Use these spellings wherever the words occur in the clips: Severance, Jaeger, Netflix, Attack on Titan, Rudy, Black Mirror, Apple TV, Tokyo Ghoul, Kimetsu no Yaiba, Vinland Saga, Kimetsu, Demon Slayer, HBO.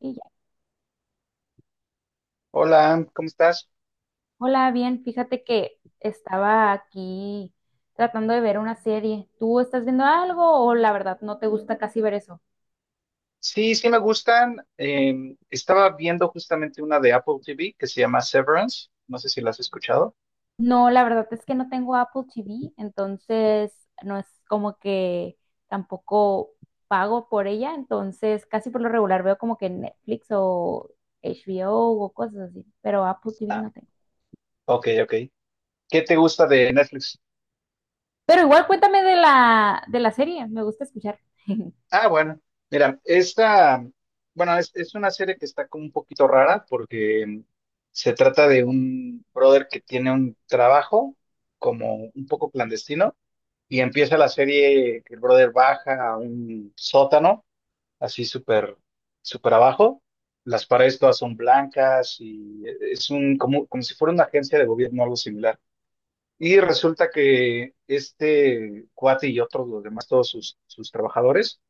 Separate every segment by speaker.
Speaker 1: Y ya.
Speaker 2: Hola, ¿cómo estás?
Speaker 1: Hola, bien, fíjate que estaba aquí tratando de ver una serie. ¿Tú estás viendo algo o la verdad no te gusta casi ver eso?
Speaker 2: Sí, sí me gustan. Estaba viendo justamente una de Apple TV que se llama Severance. No sé si la has escuchado.
Speaker 1: No, la verdad es que no tengo Apple TV, entonces no es como que tampoco pago por ella, entonces casi por lo regular veo como que Netflix o HBO o cosas así, pero Apple TV
Speaker 2: Ah,
Speaker 1: no tengo.
Speaker 2: ok, ok. ¿Qué te gusta de Netflix?
Speaker 1: Pero igual cuéntame de la serie, me gusta escuchar.
Speaker 2: Ah, bueno, mira, esta, bueno, es una serie que está como un poquito rara porque se trata de un brother que tiene un trabajo como un poco clandestino y empieza la serie que el brother baja a un sótano así súper abajo. Las paredes todas son blancas y es como si fuera una agencia de gobierno, algo similar. Y resulta que este cuate y otros, los demás, todos sus trabajadores,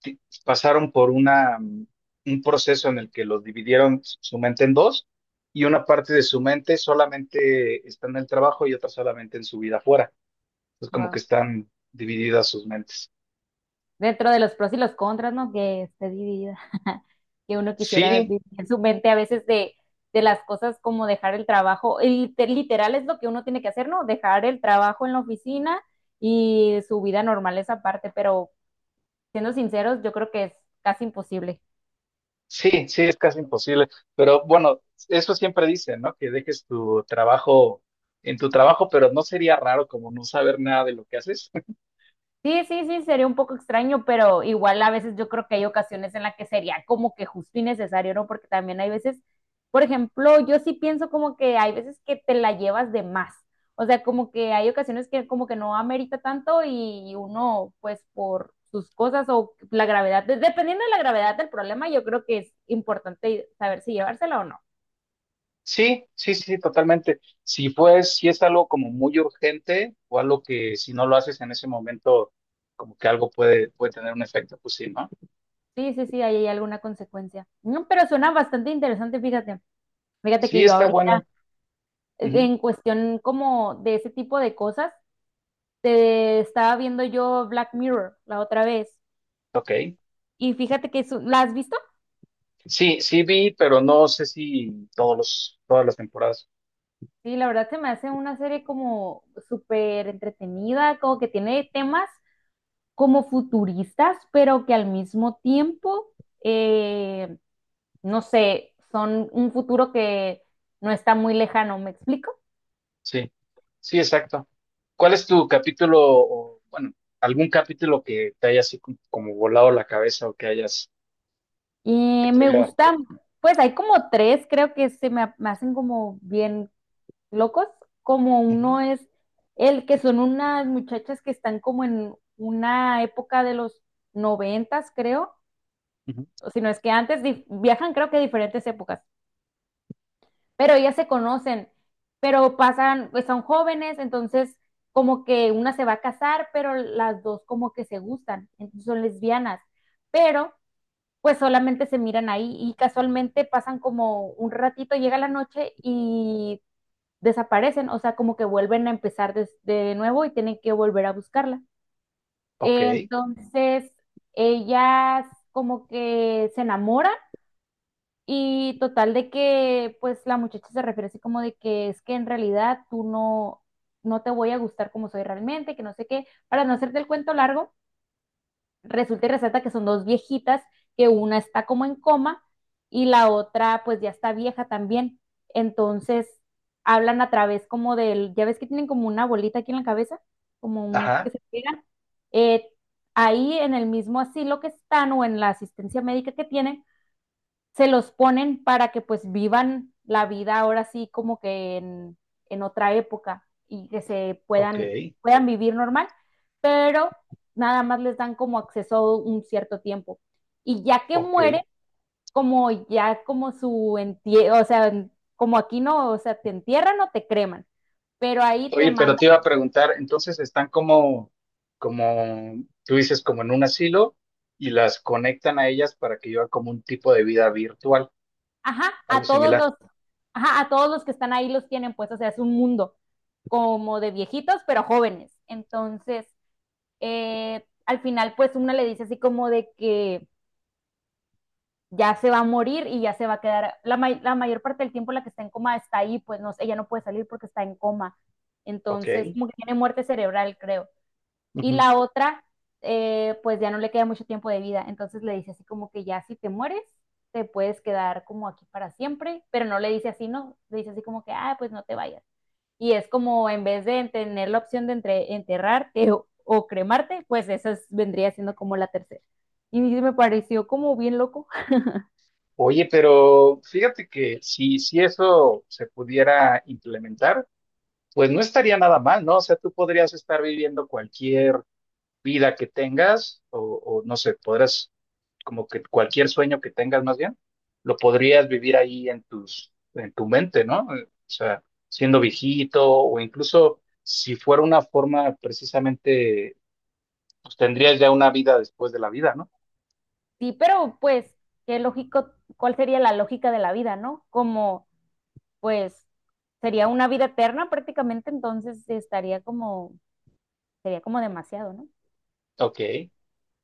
Speaker 2: ti- pasaron por un proceso en el que los dividieron su mente en dos, y una parte de su mente solamente está en el trabajo y otra solamente en su vida afuera. Es como que
Speaker 1: Wow.
Speaker 2: están divididas sus mentes.
Speaker 1: Dentro de los pros y los contras, ¿no? Que esté dividida. Que uno quisiera
Speaker 2: Sí.
Speaker 1: vivir en su mente a veces de las cosas como dejar el trabajo. Y literal es lo que uno tiene que hacer, ¿no? Dejar el trabajo en la oficina y su vida normal es aparte, pero siendo sinceros, yo creo que es casi imposible.
Speaker 2: Sí, sí, es casi imposible. Pero bueno, eso siempre dicen, ¿no? Que dejes tu trabajo en tu trabajo, pero no sería raro como no saber nada de lo que haces.
Speaker 1: Sí, sí, sí, sería un poco extraño, pero igual a veces yo creo que hay ocasiones en las que sería como que justo y necesario, ¿no? Porque también hay veces, por ejemplo, yo sí pienso como que hay veces que te la llevas de más. O sea, como que hay ocasiones que como que no amerita tanto y uno, pues por sus cosas o la gravedad, dependiendo de la gravedad del problema, yo creo que es importante saber si llevársela o no.
Speaker 2: Sí, sí, sí, totalmente. Si pues, si es algo como muy urgente o algo que si no lo haces en ese momento, como que algo puede tener un efecto, pues sí, ¿no?
Speaker 1: Sí, sí, sí, ahí hay alguna consecuencia. No, pero suena bastante interesante, fíjate. Fíjate
Speaker 2: Sí,
Speaker 1: que yo
Speaker 2: está
Speaker 1: ahorita,
Speaker 2: buena. Ujú.
Speaker 1: en cuestión como de ese tipo de cosas, te estaba viendo yo Black Mirror la otra vez.
Speaker 2: Ok.
Speaker 1: Y fíjate que ¿la has visto?
Speaker 2: Sí, sí vi, pero no sé si todas las temporadas.
Speaker 1: Sí, la verdad se me hace una serie como súper entretenida, como que tiene temas como futuristas, pero que al mismo tiempo, eh, no sé, son un futuro que no está muy lejano, ¿me explico?
Speaker 2: Sí, sí, exacto. ¿Cuál es tu capítulo o, bueno, algún capítulo que te haya así como volado la cabeza o que hayas... que
Speaker 1: Y
Speaker 2: te
Speaker 1: me
Speaker 2: haya-
Speaker 1: gusta, pues hay como tres, creo que se me hacen como bien locos, como
Speaker 2: Ujú,
Speaker 1: uno es el que son unas muchachas que están como en una época de los noventas, creo,
Speaker 2: ujú.
Speaker 1: o si no es que antes viajan, creo que a diferentes épocas, pero ellas se conocen, pero pasan, pues son jóvenes, entonces como que una se va a casar, pero las dos como que se gustan, entonces son lesbianas, pero pues solamente se miran ahí y casualmente pasan como un ratito, llega la noche y desaparecen, o sea, como que vuelven a empezar de nuevo y tienen que volver a buscarla.
Speaker 2: Ok,
Speaker 1: Entonces, ellas como que se enamoran y total de que, pues la muchacha se refiere así como de que es que en realidad tú no, no te voy a gustar como soy realmente, que no sé qué, para no hacerte el cuento largo, resulta y resalta que son dos viejitas, que una está como en coma y la otra pues ya está vieja también. Entonces hablan a través como del, ya ves que tienen como una bolita aquí en la cabeza, como un que
Speaker 2: ajá,
Speaker 1: se pegan. Eh, ahí en el mismo asilo que están o en la asistencia médica que tienen, se los ponen para que pues vivan la vida ahora sí como que en otra época y que se
Speaker 2: ok,
Speaker 1: puedan vivir normal, pero nada más les dan como acceso un cierto tiempo. Y ya que
Speaker 2: ok.
Speaker 1: muere, como ya como su entie o sea, como aquí no, o sea, te entierran o te creman, pero ahí te
Speaker 2: Oye, pero
Speaker 1: mandan,
Speaker 2: te iba a preguntar, entonces están como tú dices, como en un asilo, y las conectan a ellas para que lleven como un tipo de vida virtual,
Speaker 1: ajá,
Speaker 2: algo
Speaker 1: a
Speaker 2: similar.
Speaker 1: ajá, a todos los que están ahí los tienen pues, o sea, es un mundo como de viejitos, pero jóvenes. Entonces, al final pues una le dice así como de que ya se va a morir y ya se va a quedar, la mayor parte del tiempo la que está en coma está ahí, pues no, ella no puede salir porque está en coma.
Speaker 2: Ok.
Speaker 1: Entonces, como que tiene muerte cerebral, creo. Y
Speaker 2: Ujú.
Speaker 1: la otra, pues ya no le queda mucho tiempo de vida. Entonces le dice así como que ya si te mueres, te puedes quedar como aquí para siempre, pero no le dice así, no, le dice así como que, ah, pues no te vayas. Y es como en vez de tener la opción de enterrarte o cremarte, pues vendría siendo como la tercera. Y me pareció como bien loco.
Speaker 2: Oye, pero fíjate que si eso se pudiera implementar, pues no estaría nada mal, ¿no? O sea, tú podrías estar viviendo cualquier vida que tengas o no sé, podrás como que cualquier sueño que tengas más bien, lo podrías vivir ahí en en tu mente, ¿no? O sea, siendo viejito o incluso si fuera una forma precisamente, pues tendrías ya una vida después de la vida, ¿no?
Speaker 1: Sí, pero pues, qué lógico, ¿cuál sería la lógica de la vida, no? Como, pues, sería una vida eterna prácticamente, entonces estaría como, sería como demasiado, ¿no?
Speaker 2: Ok.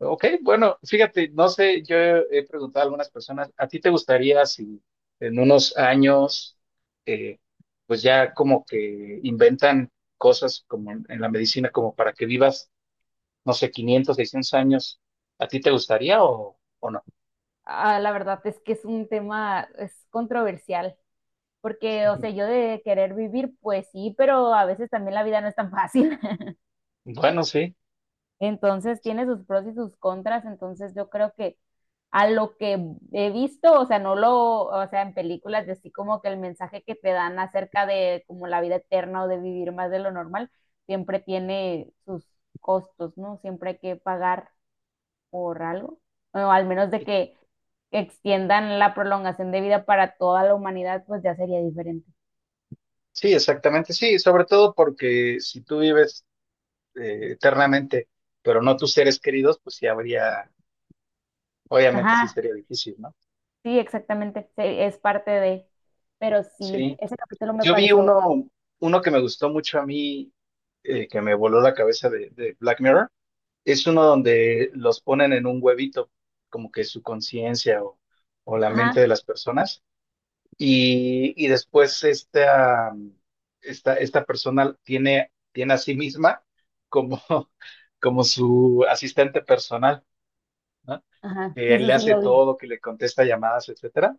Speaker 2: Ok, bueno, fíjate, no sé, yo he preguntado a algunas personas, ¿a ti te gustaría si en unos años, eh, pues ya como que inventan cosas como en la medicina, como para que vivas, no sé, 500, 600 años, ¿a ti te gustaría o no?
Speaker 1: Ah, la verdad es que es un tema, es controversial, porque, o sea, yo de querer vivir, pues sí, pero a veces también la vida no es tan fácil.
Speaker 2: Bueno, sí,
Speaker 1: Entonces tiene sus pros y sus contras, entonces yo creo que a lo que he visto, o sea, no lo, o sea, en películas, así como que el mensaje que te dan acerca de como la vida eterna o de vivir más de lo normal, siempre tiene sus costos, ¿no? Siempre hay que pagar por algo, o al menos de que extiendan la prolongación de vida para toda la humanidad, pues ya sería diferente.
Speaker 2: sí, exactamente, sí, sobre todo porque si tú vives eternamente, pero no tus seres queridos, pues sí habría, obviamente sí
Speaker 1: Ajá,
Speaker 2: sería difícil, ¿no?
Speaker 1: sí, exactamente, sí, es parte de, pero sí,
Speaker 2: Sí.
Speaker 1: ese capítulo me
Speaker 2: Yo vi
Speaker 1: pareció,
Speaker 2: uno, Uno que me gustó mucho a mí, que me voló la cabeza de Black Mirror. Es uno donde los ponen en un huevito, como que su conciencia o la mente de
Speaker 1: ajá.
Speaker 2: las personas. Y después esta persona tiene a sí misma como, como su asistente personal, ¿no?
Speaker 1: Ajá, sí,
Speaker 2: Que
Speaker 1: sí,
Speaker 2: le
Speaker 1: sí,
Speaker 2: hace
Speaker 1: lo vi.
Speaker 2: todo, que le contesta llamadas, etcétera.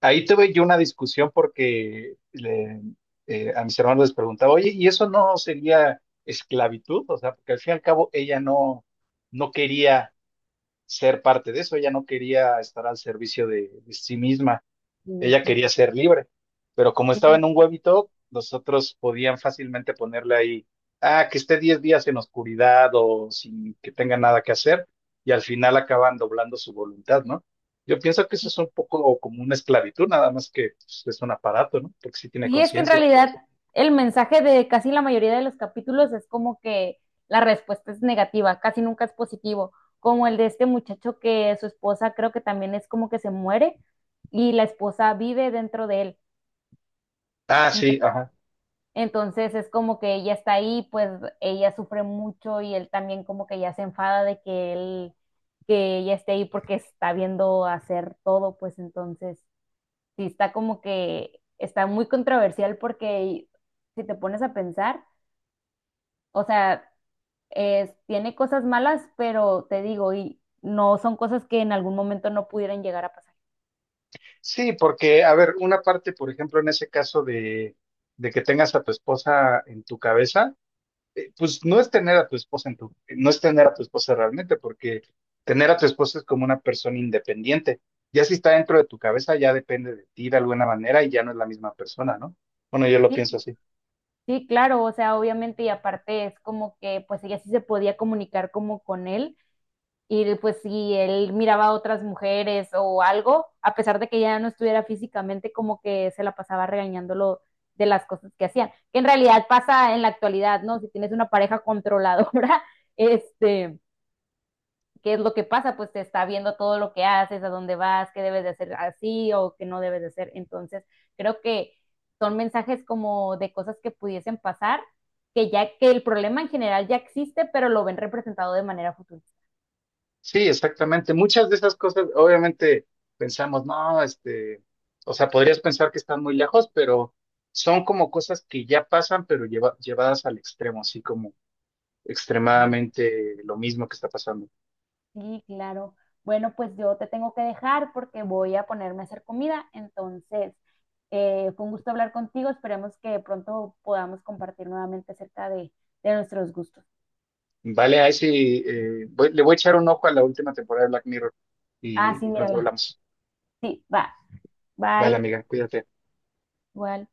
Speaker 2: Ahí tuve yo una discusión porque a mis hermanos les preguntaba, oye, ¿y eso no sería esclavitud? O sea, porque al fin y al cabo ella no quería ser parte de eso, ella no quería estar al servicio de sí misma.
Speaker 1: Sí,
Speaker 2: Ella
Speaker 1: sí,
Speaker 2: quería ser libre, pero como estaba en
Speaker 1: sí.
Speaker 2: un huevito, los otros podían fácilmente ponerle ahí, ah, que esté 10 días en oscuridad o sin que tenga nada que hacer, y al final acaban doblando su voluntad, ¿no? Yo pienso que eso
Speaker 1: Sí,
Speaker 2: es un poco como una esclavitud, nada más que pues, es un aparato, ¿no? Porque sí tiene
Speaker 1: sí, es que en
Speaker 2: conciencia.
Speaker 1: realidad el mensaje de casi la mayoría de los capítulos es como que la respuesta es negativa, casi nunca es positivo, como el de este muchacho que su esposa creo que también es como que se muere y la esposa vive dentro de él.
Speaker 2: Ah,
Speaker 1: Ento-
Speaker 2: sí, ajá.
Speaker 1: Entonces es como que ella está ahí, pues ella sufre mucho y él también como que ya se enfada de que ella esté ahí porque está viendo hacer todo, pues entonces sí está como que está muy controversial porque si te pones a pensar, o sea, tiene cosas malas, pero te digo, y no son cosas que en algún momento no pudieran llegar a pasar.
Speaker 2: Sí, porque, a ver, una parte, por ejemplo, en ese caso de que tengas a tu esposa en tu cabeza, pues no es tener a tu esposa no es tener a tu esposa realmente, porque tener a tu esposa es como una persona independiente. Ya si está dentro de tu cabeza, ya depende de ti de alguna manera y ya no es la misma persona, ¿no? Bueno, yo lo
Speaker 1: Sí,
Speaker 2: pienso así.
Speaker 1: sí, claro, o sea, obviamente y aparte es como que pues ella sí se podía comunicar como con él y pues si él miraba a otras mujeres o algo, a pesar de que ya no estuviera físicamente, como que se la pasaba regañándolo de las cosas que hacían, que en realidad pasa en la actualidad, ¿no? Si tienes una pareja controladora, este, ¿qué es lo que pasa? Pues te está viendo todo lo que haces, a dónde vas, qué debes de hacer así o qué no debes de hacer. Entonces, creo que son mensajes como de cosas que pudiesen pasar, que ya que el problema en general ya existe, pero lo ven representado de manera futurista.
Speaker 2: Sí, exactamente. Muchas de esas cosas, obviamente, pensamos, no, este, o sea, podrías pensar que están muy lejos, pero son como cosas que ya pasan, pero llevadas al extremo, así como extremadamente lo mismo que está pasando.
Speaker 1: Sí, claro. Bueno, pues yo te tengo que dejar porque voy a ponerme a hacer comida. Entonces, fue un gusto hablar contigo. Esperemos que pronto podamos compartir nuevamente acerca de nuestros gustos.
Speaker 2: Vale, ahí sí, le voy a echar un ojo a la última temporada de Black Mirror
Speaker 1: Ah,
Speaker 2: y
Speaker 1: sí,
Speaker 2: pronto
Speaker 1: mírala.
Speaker 2: hablamos.
Speaker 1: Sí, va.
Speaker 2: Vale,
Speaker 1: Bye.
Speaker 2: amiga, cuídate.
Speaker 1: Igual.